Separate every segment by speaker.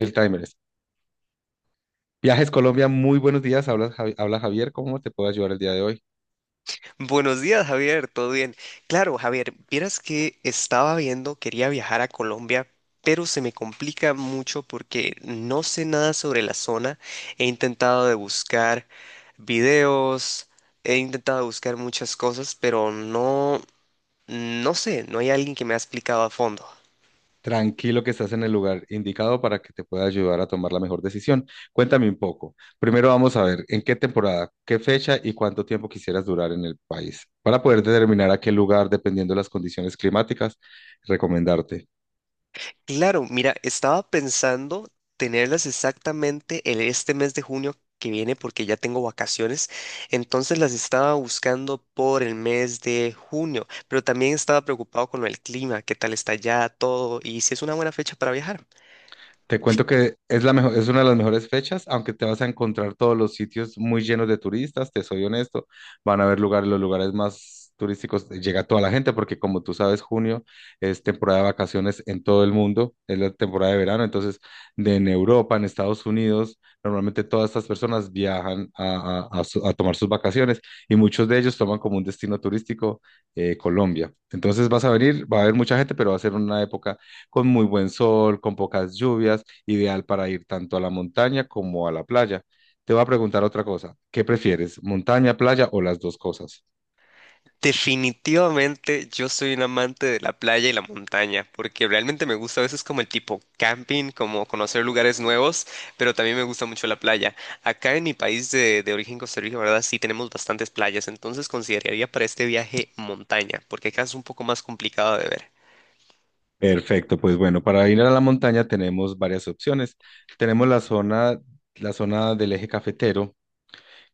Speaker 1: El timer es. Viajes Colombia, muy buenos días. Habla Javier, ¿cómo te puedo ayudar el día de hoy?
Speaker 2: Buenos días, Javier, ¿todo bien? Claro, Javier, vieras que estaba viendo, quería viajar a Colombia, pero se me complica mucho porque no sé nada sobre la zona. He intentado de buscar videos, he intentado buscar muchas cosas, pero no, no sé, no hay alguien que me ha explicado a fondo.
Speaker 1: Tranquilo que estás en el lugar indicado para que te pueda ayudar a tomar la mejor decisión. Cuéntame un poco. Primero vamos a ver en qué temporada, qué fecha y cuánto tiempo quisieras durar en el país para poder determinar a qué lugar, dependiendo de las condiciones climáticas, recomendarte.
Speaker 2: Claro, mira, estaba pensando tenerlas exactamente este mes de junio que viene porque ya tengo vacaciones, entonces las estaba buscando por el mes de junio, pero también estaba preocupado con el clima, qué tal está ya todo y si es una buena fecha para viajar.
Speaker 1: Te cuento que es la mejor, es una de las mejores fechas, aunque te vas a encontrar todos los sitios muy llenos de turistas, te soy honesto, van a haber lugares, los lugares más turísticos, llega toda la gente, porque como tú sabes, junio es temporada de vacaciones en todo el mundo, es la temporada de verano, entonces en Europa, en Estados Unidos, normalmente todas estas personas viajan a tomar sus vacaciones y muchos de ellos toman como un destino turístico Colombia. Entonces vas a venir, va a haber mucha gente, pero va a ser una época con muy buen sol, con pocas lluvias, ideal para ir tanto a la montaña como a la playa. Te voy a preguntar otra cosa. ¿Qué prefieres, montaña, playa o las dos cosas?
Speaker 2: Definitivamente yo soy un amante de la playa y la montaña, porque realmente me gusta a veces como el tipo camping, como conocer lugares nuevos, pero también me gusta mucho la playa. Acá en mi país de origen Costa Rica, ¿verdad? Sí tenemos bastantes playas, entonces consideraría para este viaje montaña, porque acá es un poco más complicado de ver.
Speaker 1: Perfecto, pues bueno, para ir a la montaña tenemos varias opciones. Tenemos la zona del eje cafetero,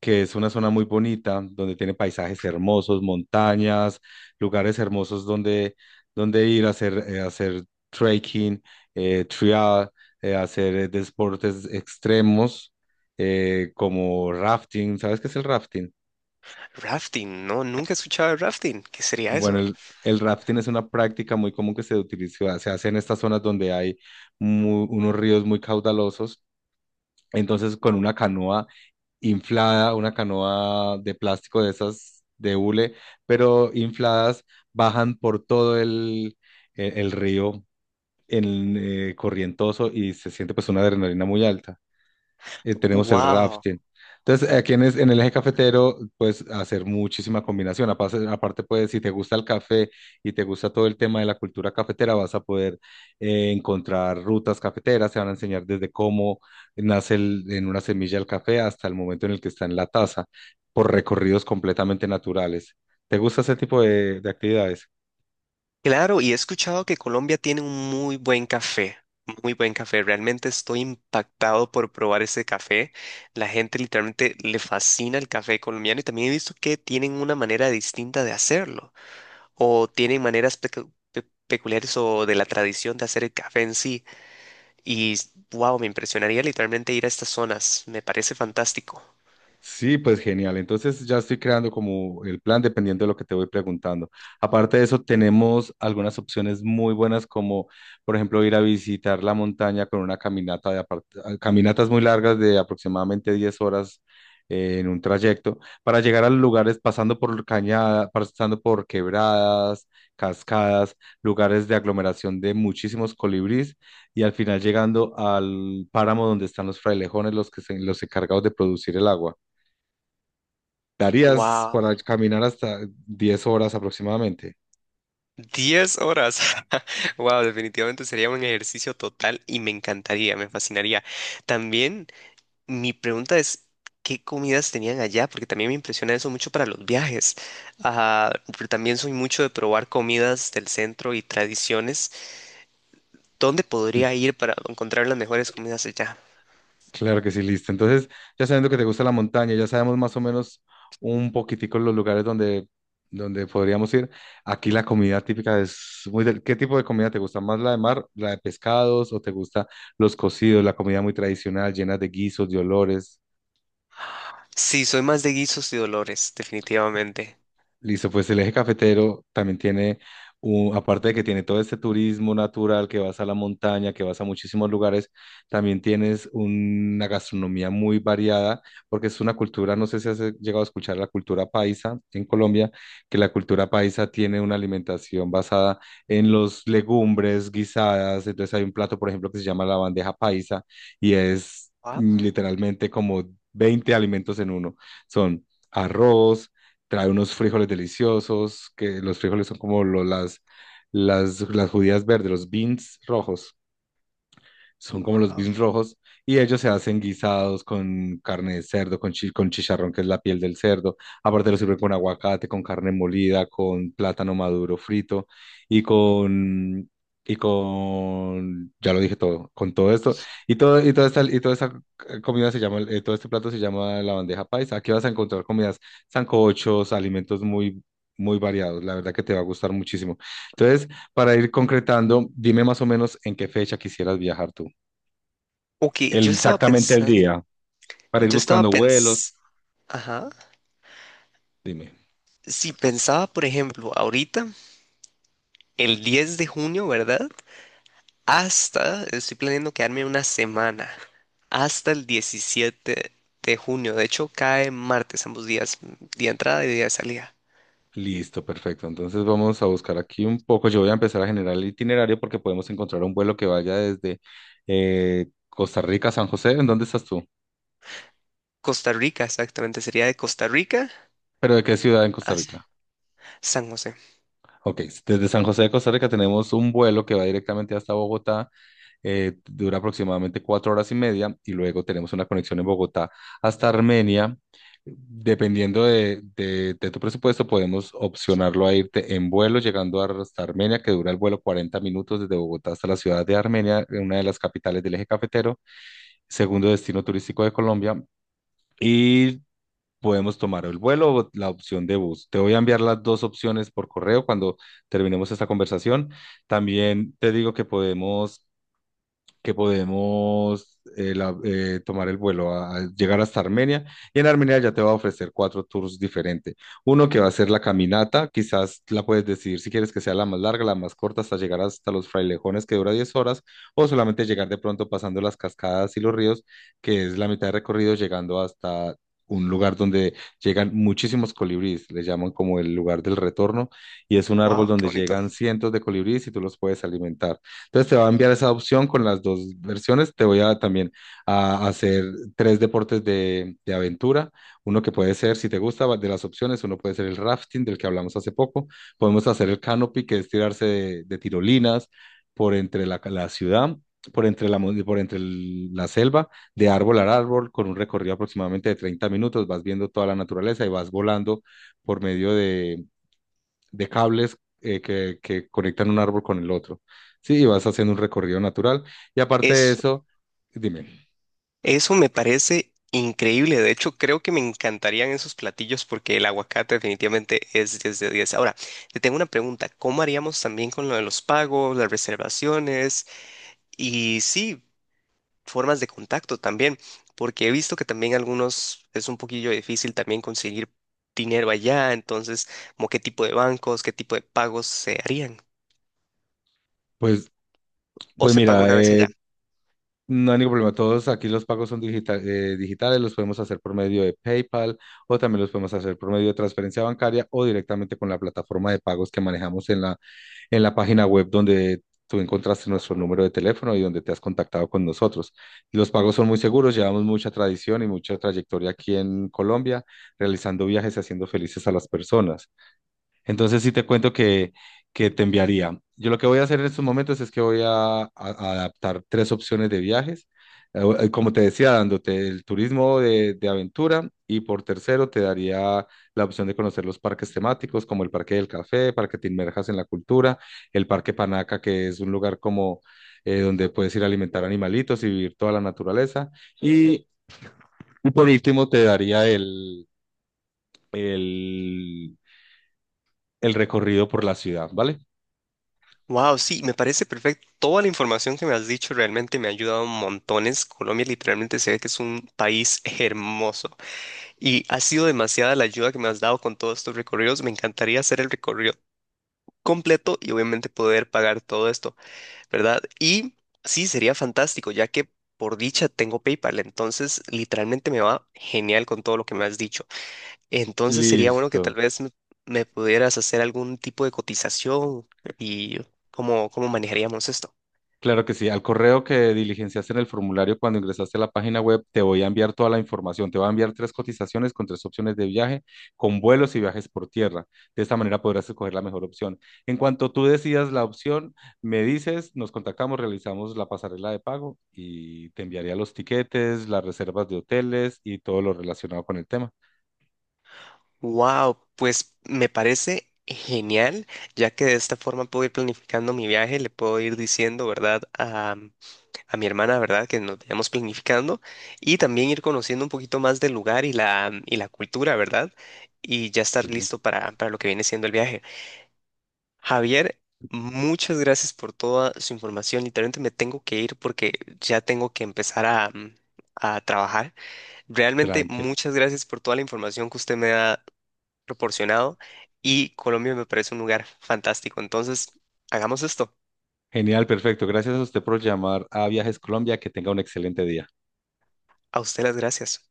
Speaker 1: que es una zona muy bonita, donde tiene paisajes hermosos, montañas, lugares hermosos donde ir a hacer trekking, trial, hacer deportes extremos, como rafting. ¿Sabes qué es el rafting?
Speaker 2: Rafting, no, nunca he escuchado de rafting. ¿Qué sería
Speaker 1: Bueno,
Speaker 2: eso?
Speaker 1: el rafting es una práctica muy común que se utiliza, se hace en estas zonas donde hay unos ríos muy caudalosos. Entonces, con una canoa inflada, una canoa de plástico de esas de hule, pero infladas, bajan por todo el río, en, corrientoso, y se siente pues una adrenalina muy alta. Tenemos el
Speaker 2: Wow.
Speaker 1: rafting. Entonces, aquí en, en el eje cafetero puedes hacer muchísima combinación. Aparte, pues, si te gusta el café y te gusta todo el tema de la cultura cafetera, vas a poder encontrar rutas cafeteras. Te van a enseñar desde cómo nace en una semilla el café hasta el momento en el que está en la taza, por recorridos completamente naturales. ¿Te gusta ese tipo de actividades?
Speaker 2: Claro, y he escuchado que Colombia tiene un muy buen café, muy buen café. Realmente estoy impactado por probar ese café. La gente literalmente le fascina el café colombiano y también he visto que tienen una manera distinta de hacerlo o tienen maneras peculiares o de la tradición de hacer el café en sí. Y wow, me impresionaría literalmente ir a estas zonas. Me parece fantástico.
Speaker 1: Sí, pues genial. Entonces ya estoy creando como el plan dependiendo de lo que te voy preguntando. Aparte de eso, tenemos algunas opciones muy buenas como, por ejemplo, ir a visitar la montaña con una caminata de apart- ah, caminatas muy largas de aproximadamente 10 horas en un trayecto para llegar a los lugares pasando por cañada, pasando por quebradas, cascadas, lugares de aglomeración de muchísimos colibrís, y al final llegando al páramo donde están los frailejones, los encargados de producir el agua. Darías
Speaker 2: Wow.
Speaker 1: para caminar hasta 10 horas aproximadamente.
Speaker 2: 10 horas. Wow, definitivamente sería un ejercicio total y me encantaría, me fascinaría. También mi pregunta es, ¿qué comidas tenían allá? Porque también me impresiona eso mucho para los viajes. Ah, pero también soy mucho de probar comidas del centro y tradiciones. ¿Dónde
Speaker 1: Cl-
Speaker 2: podría ir para encontrar las mejores comidas allá?
Speaker 1: Claro que sí, listo. Entonces, ya sabiendo que te gusta la montaña, ya sabemos más o menos un poquitico los lugares donde podríamos ir. Aquí la comida típica es muy... del- ¿Qué tipo de comida te gusta? ¿Más la de mar, la de pescados, o te gusta los cocidos, la comida muy tradicional, llena de guisos, de olores?
Speaker 2: Sí, soy más de guisos y dolores, definitivamente.
Speaker 1: Listo, pues el eje cafetero también tiene, aparte de que tiene todo este turismo natural, que vas a la montaña, que vas a muchísimos lugares, también tienes una gastronomía muy variada, porque es una cultura, no sé si has llegado a escuchar la cultura paisa en Colombia, que la cultura paisa tiene una alimentación basada en los legumbres guisadas. Entonces hay un plato, por ejemplo, que se llama la bandeja paisa, y es
Speaker 2: Wow,
Speaker 1: literalmente como 20 alimentos en uno. Son arroz, trae unos frijoles deliciosos, que los frijoles son como las judías verdes, los beans rojos, son como los
Speaker 2: wow.
Speaker 1: beans rojos, y ellos se hacen guisados con carne de cerdo, con chicharrón, que es la piel del cerdo. Aparte lo sirven con aguacate, con carne molida, con plátano maduro frito y con... Y con, ya lo dije todo, con todo esto, y todo, y toda esta comida se llama, todo este plato se llama la bandeja paisa. Aquí vas a encontrar comidas, sancochos, alimentos muy, muy variados. La verdad que te va a gustar muchísimo. Entonces, para ir concretando, dime más o menos en qué fecha quisieras viajar tú.
Speaker 2: Ok,
Speaker 1: Exactamente el día, para ir
Speaker 2: yo estaba
Speaker 1: buscando vuelos.
Speaker 2: pensando, ajá.
Speaker 1: Dime.
Speaker 2: Si pensaba, por ejemplo, ahorita, el 10 de junio, ¿verdad? Hasta, estoy planeando quedarme una semana, hasta el 17 de junio. De hecho, cae martes ambos días, día de entrada y día de salida.
Speaker 1: Listo, perfecto. Entonces vamos a buscar aquí un poco. Yo voy a empezar a generar el itinerario porque podemos encontrar un vuelo que vaya desde Costa Rica a San José. ¿En dónde estás tú?
Speaker 2: Costa Rica, exactamente, sería de Costa Rica
Speaker 1: ¿Pero de qué ciudad en
Speaker 2: a
Speaker 1: Costa Rica?
Speaker 2: San José.
Speaker 1: Ok, desde San José de Costa Rica tenemos un vuelo que va directamente hasta Bogotá. Dura aproximadamente 4 horas y media, y luego tenemos una conexión en Bogotá hasta Armenia. Dependiendo de tu presupuesto, podemos opcionarlo a irte en vuelo, llegando hasta Armenia, que dura el vuelo 40 minutos desde Bogotá hasta la ciudad de Armenia, una de las capitales del eje cafetero, segundo destino turístico de Colombia. Y podemos tomar el vuelo o la opción de bus. Te voy a enviar las dos opciones por correo cuando terminemos esta conversación. También te digo que podemos, que podemos tomar el vuelo a, llegar hasta Armenia. Y en Armenia ya te va a ofrecer cuatro tours diferentes. Uno que va a ser la caminata, quizás la puedes decidir si quieres que sea la más larga, la más corta, hasta llegar hasta los frailejones, que dura 10 horas, o solamente llegar de pronto pasando las cascadas y los ríos, que es la mitad de recorrido, llegando hasta un lugar donde llegan muchísimos colibríes, le llaman como el lugar del retorno, y es un árbol
Speaker 2: Wow, qué
Speaker 1: donde
Speaker 2: bonito.
Speaker 1: llegan cientos de colibríes y tú los puedes alimentar. Entonces te va a enviar esa opción con las dos versiones. Te voy a también a hacer tres deportes de aventura. Uno que puede ser, si te gusta, de las opciones, uno puede ser el rafting del que hablamos hace poco. Podemos hacer el canopy, que es tirarse de tirolinas por entre la ciudad, por entre la selva, de árbol a árbol, con un recorrido aproximadamente de 30 minutos. Vas viendo toda la naturaleza y vas volando por medio de cables, que conectan un árbol con el otro. Sí, y vas haciendo un recorrido natural. Y aparte de
Speaker 2: Es
Speaker 1: eso, dime.
Speaker 2: Eso me parece increíble. De hecho, creo que me encantarían esos platillos porque el aguacate definitivamente es 10 de 10. Ahora, te tengo una pregunta. ¿Cómo haríamos también con lo de los pagos, las reservaciones y sí, formas de contacto también? Porque he visto que también algunos es un poquillo difícil también conseguir dinero allá. Entonces, como qué tipo de bancos, qué tipo de pagos se harían
Speaker 1: pues,
Speaker 2: o
Speaker 1: pues
Speaker 2: se paga
Speaker 1: mira,
Speaker 2: una vez allá.
Speaker 1: no hay ningún problema. Todos aquí los pagos son digitales, los podemos hacer por medio de PayPal, o también los podemos hacer por medio de transferencia bancaria, o directamente con la plataforma de pagos que manejamos en en la página web, donde tú encontraste nuestro número de teléfono y donde te has contactado con nosotros. Los pagos son muy seguros, llevamos mucha tradición y mucha trayectoria aquí en Colombia, realizando viajes y haciendo felices a las personas. Entonces sí te cuento que, te enviaría. Yo lo que voy a hacer en estos momentos es que voy a adaptar tres opciones de viajes. Como te decía, dándote el turismo de aventura, y por tercero te daría la opción de conocer los parques temáticos como el Parque del Café, para que te inmerjas en la cultura, el Parque Panaca, que es un lugar como donde puedes ir a alimentar animalitos y vivir toda la naturaleza. Y, y por último te daría el, el recorrido por la ciudad, ¿vale?
Speaker 2: Wow, sí, me parece perfecto. Toda la información que me has dicho realmente me ha ayudado montones. Colombia literalmente se ve que es un país hermoso y ha sido demasiada la ayuda que me has dado con todos estos recorridos. Me encantaría hacer el recorrido completo y obviamente poder pagar todo esto, ¿verdad? Y sí, sería fantástico, ya que por dicha tengo PayPal, entonces literalmente me va genial con todo lo que me has dicho. Entonces sería bueno que tal
Speaker 1: Listo.
Speaker 2: vez me pudieras hacer algún tipo de cotización y cómo manejaríamos esto.
Speaker 1: Claro que sí. Al correo que diligenciaste en el formulario cuando ingresaste a la página web, te voy a enviar toda la información. Te voy a enviar tres cotizaciones con tres opciones de viaje, con vuelos y viajes por tierra. De esta manera podrás escoger la mejor opción. En cuanto tú decidas la opción, me dices, nos contactamos, realizamos la pasarela de pago y te enviaría los tiquetes, las reservas de hoteles y todo lo relacionado con el tema.
Speaker 2: Wow, pues me parece genial, ya que de esta forma puedo ir planificando mi viaje, le puedo ir diciendo, ¿verdad? A mi hermana, ¿verdad? Que nos vayamos planificando y también ir conociendo un poquito más del lugar y y la cultura, ¿verdad? Y ya estar
Speaker 1: Sí,
Speaker 2: listo para lo que viene siendo el viaje. Javier, muchas gracias por toda su información. Literalmente me tengo que ir porque ya tengo que empezar a trabajar. Realmente
Speaker 1: tranquilo.
Speaker 2: muchas gracias por toda la información que usted me ha proporcionado y Colombia me parece un lugar fantástico. Entonces, hagamos esto.
Speaker 1: Genial, perfecto. Gracias a usted por llamar a Viajes Colombia. Que tenga un excelente día.
Speaker 2: A usted las gracias.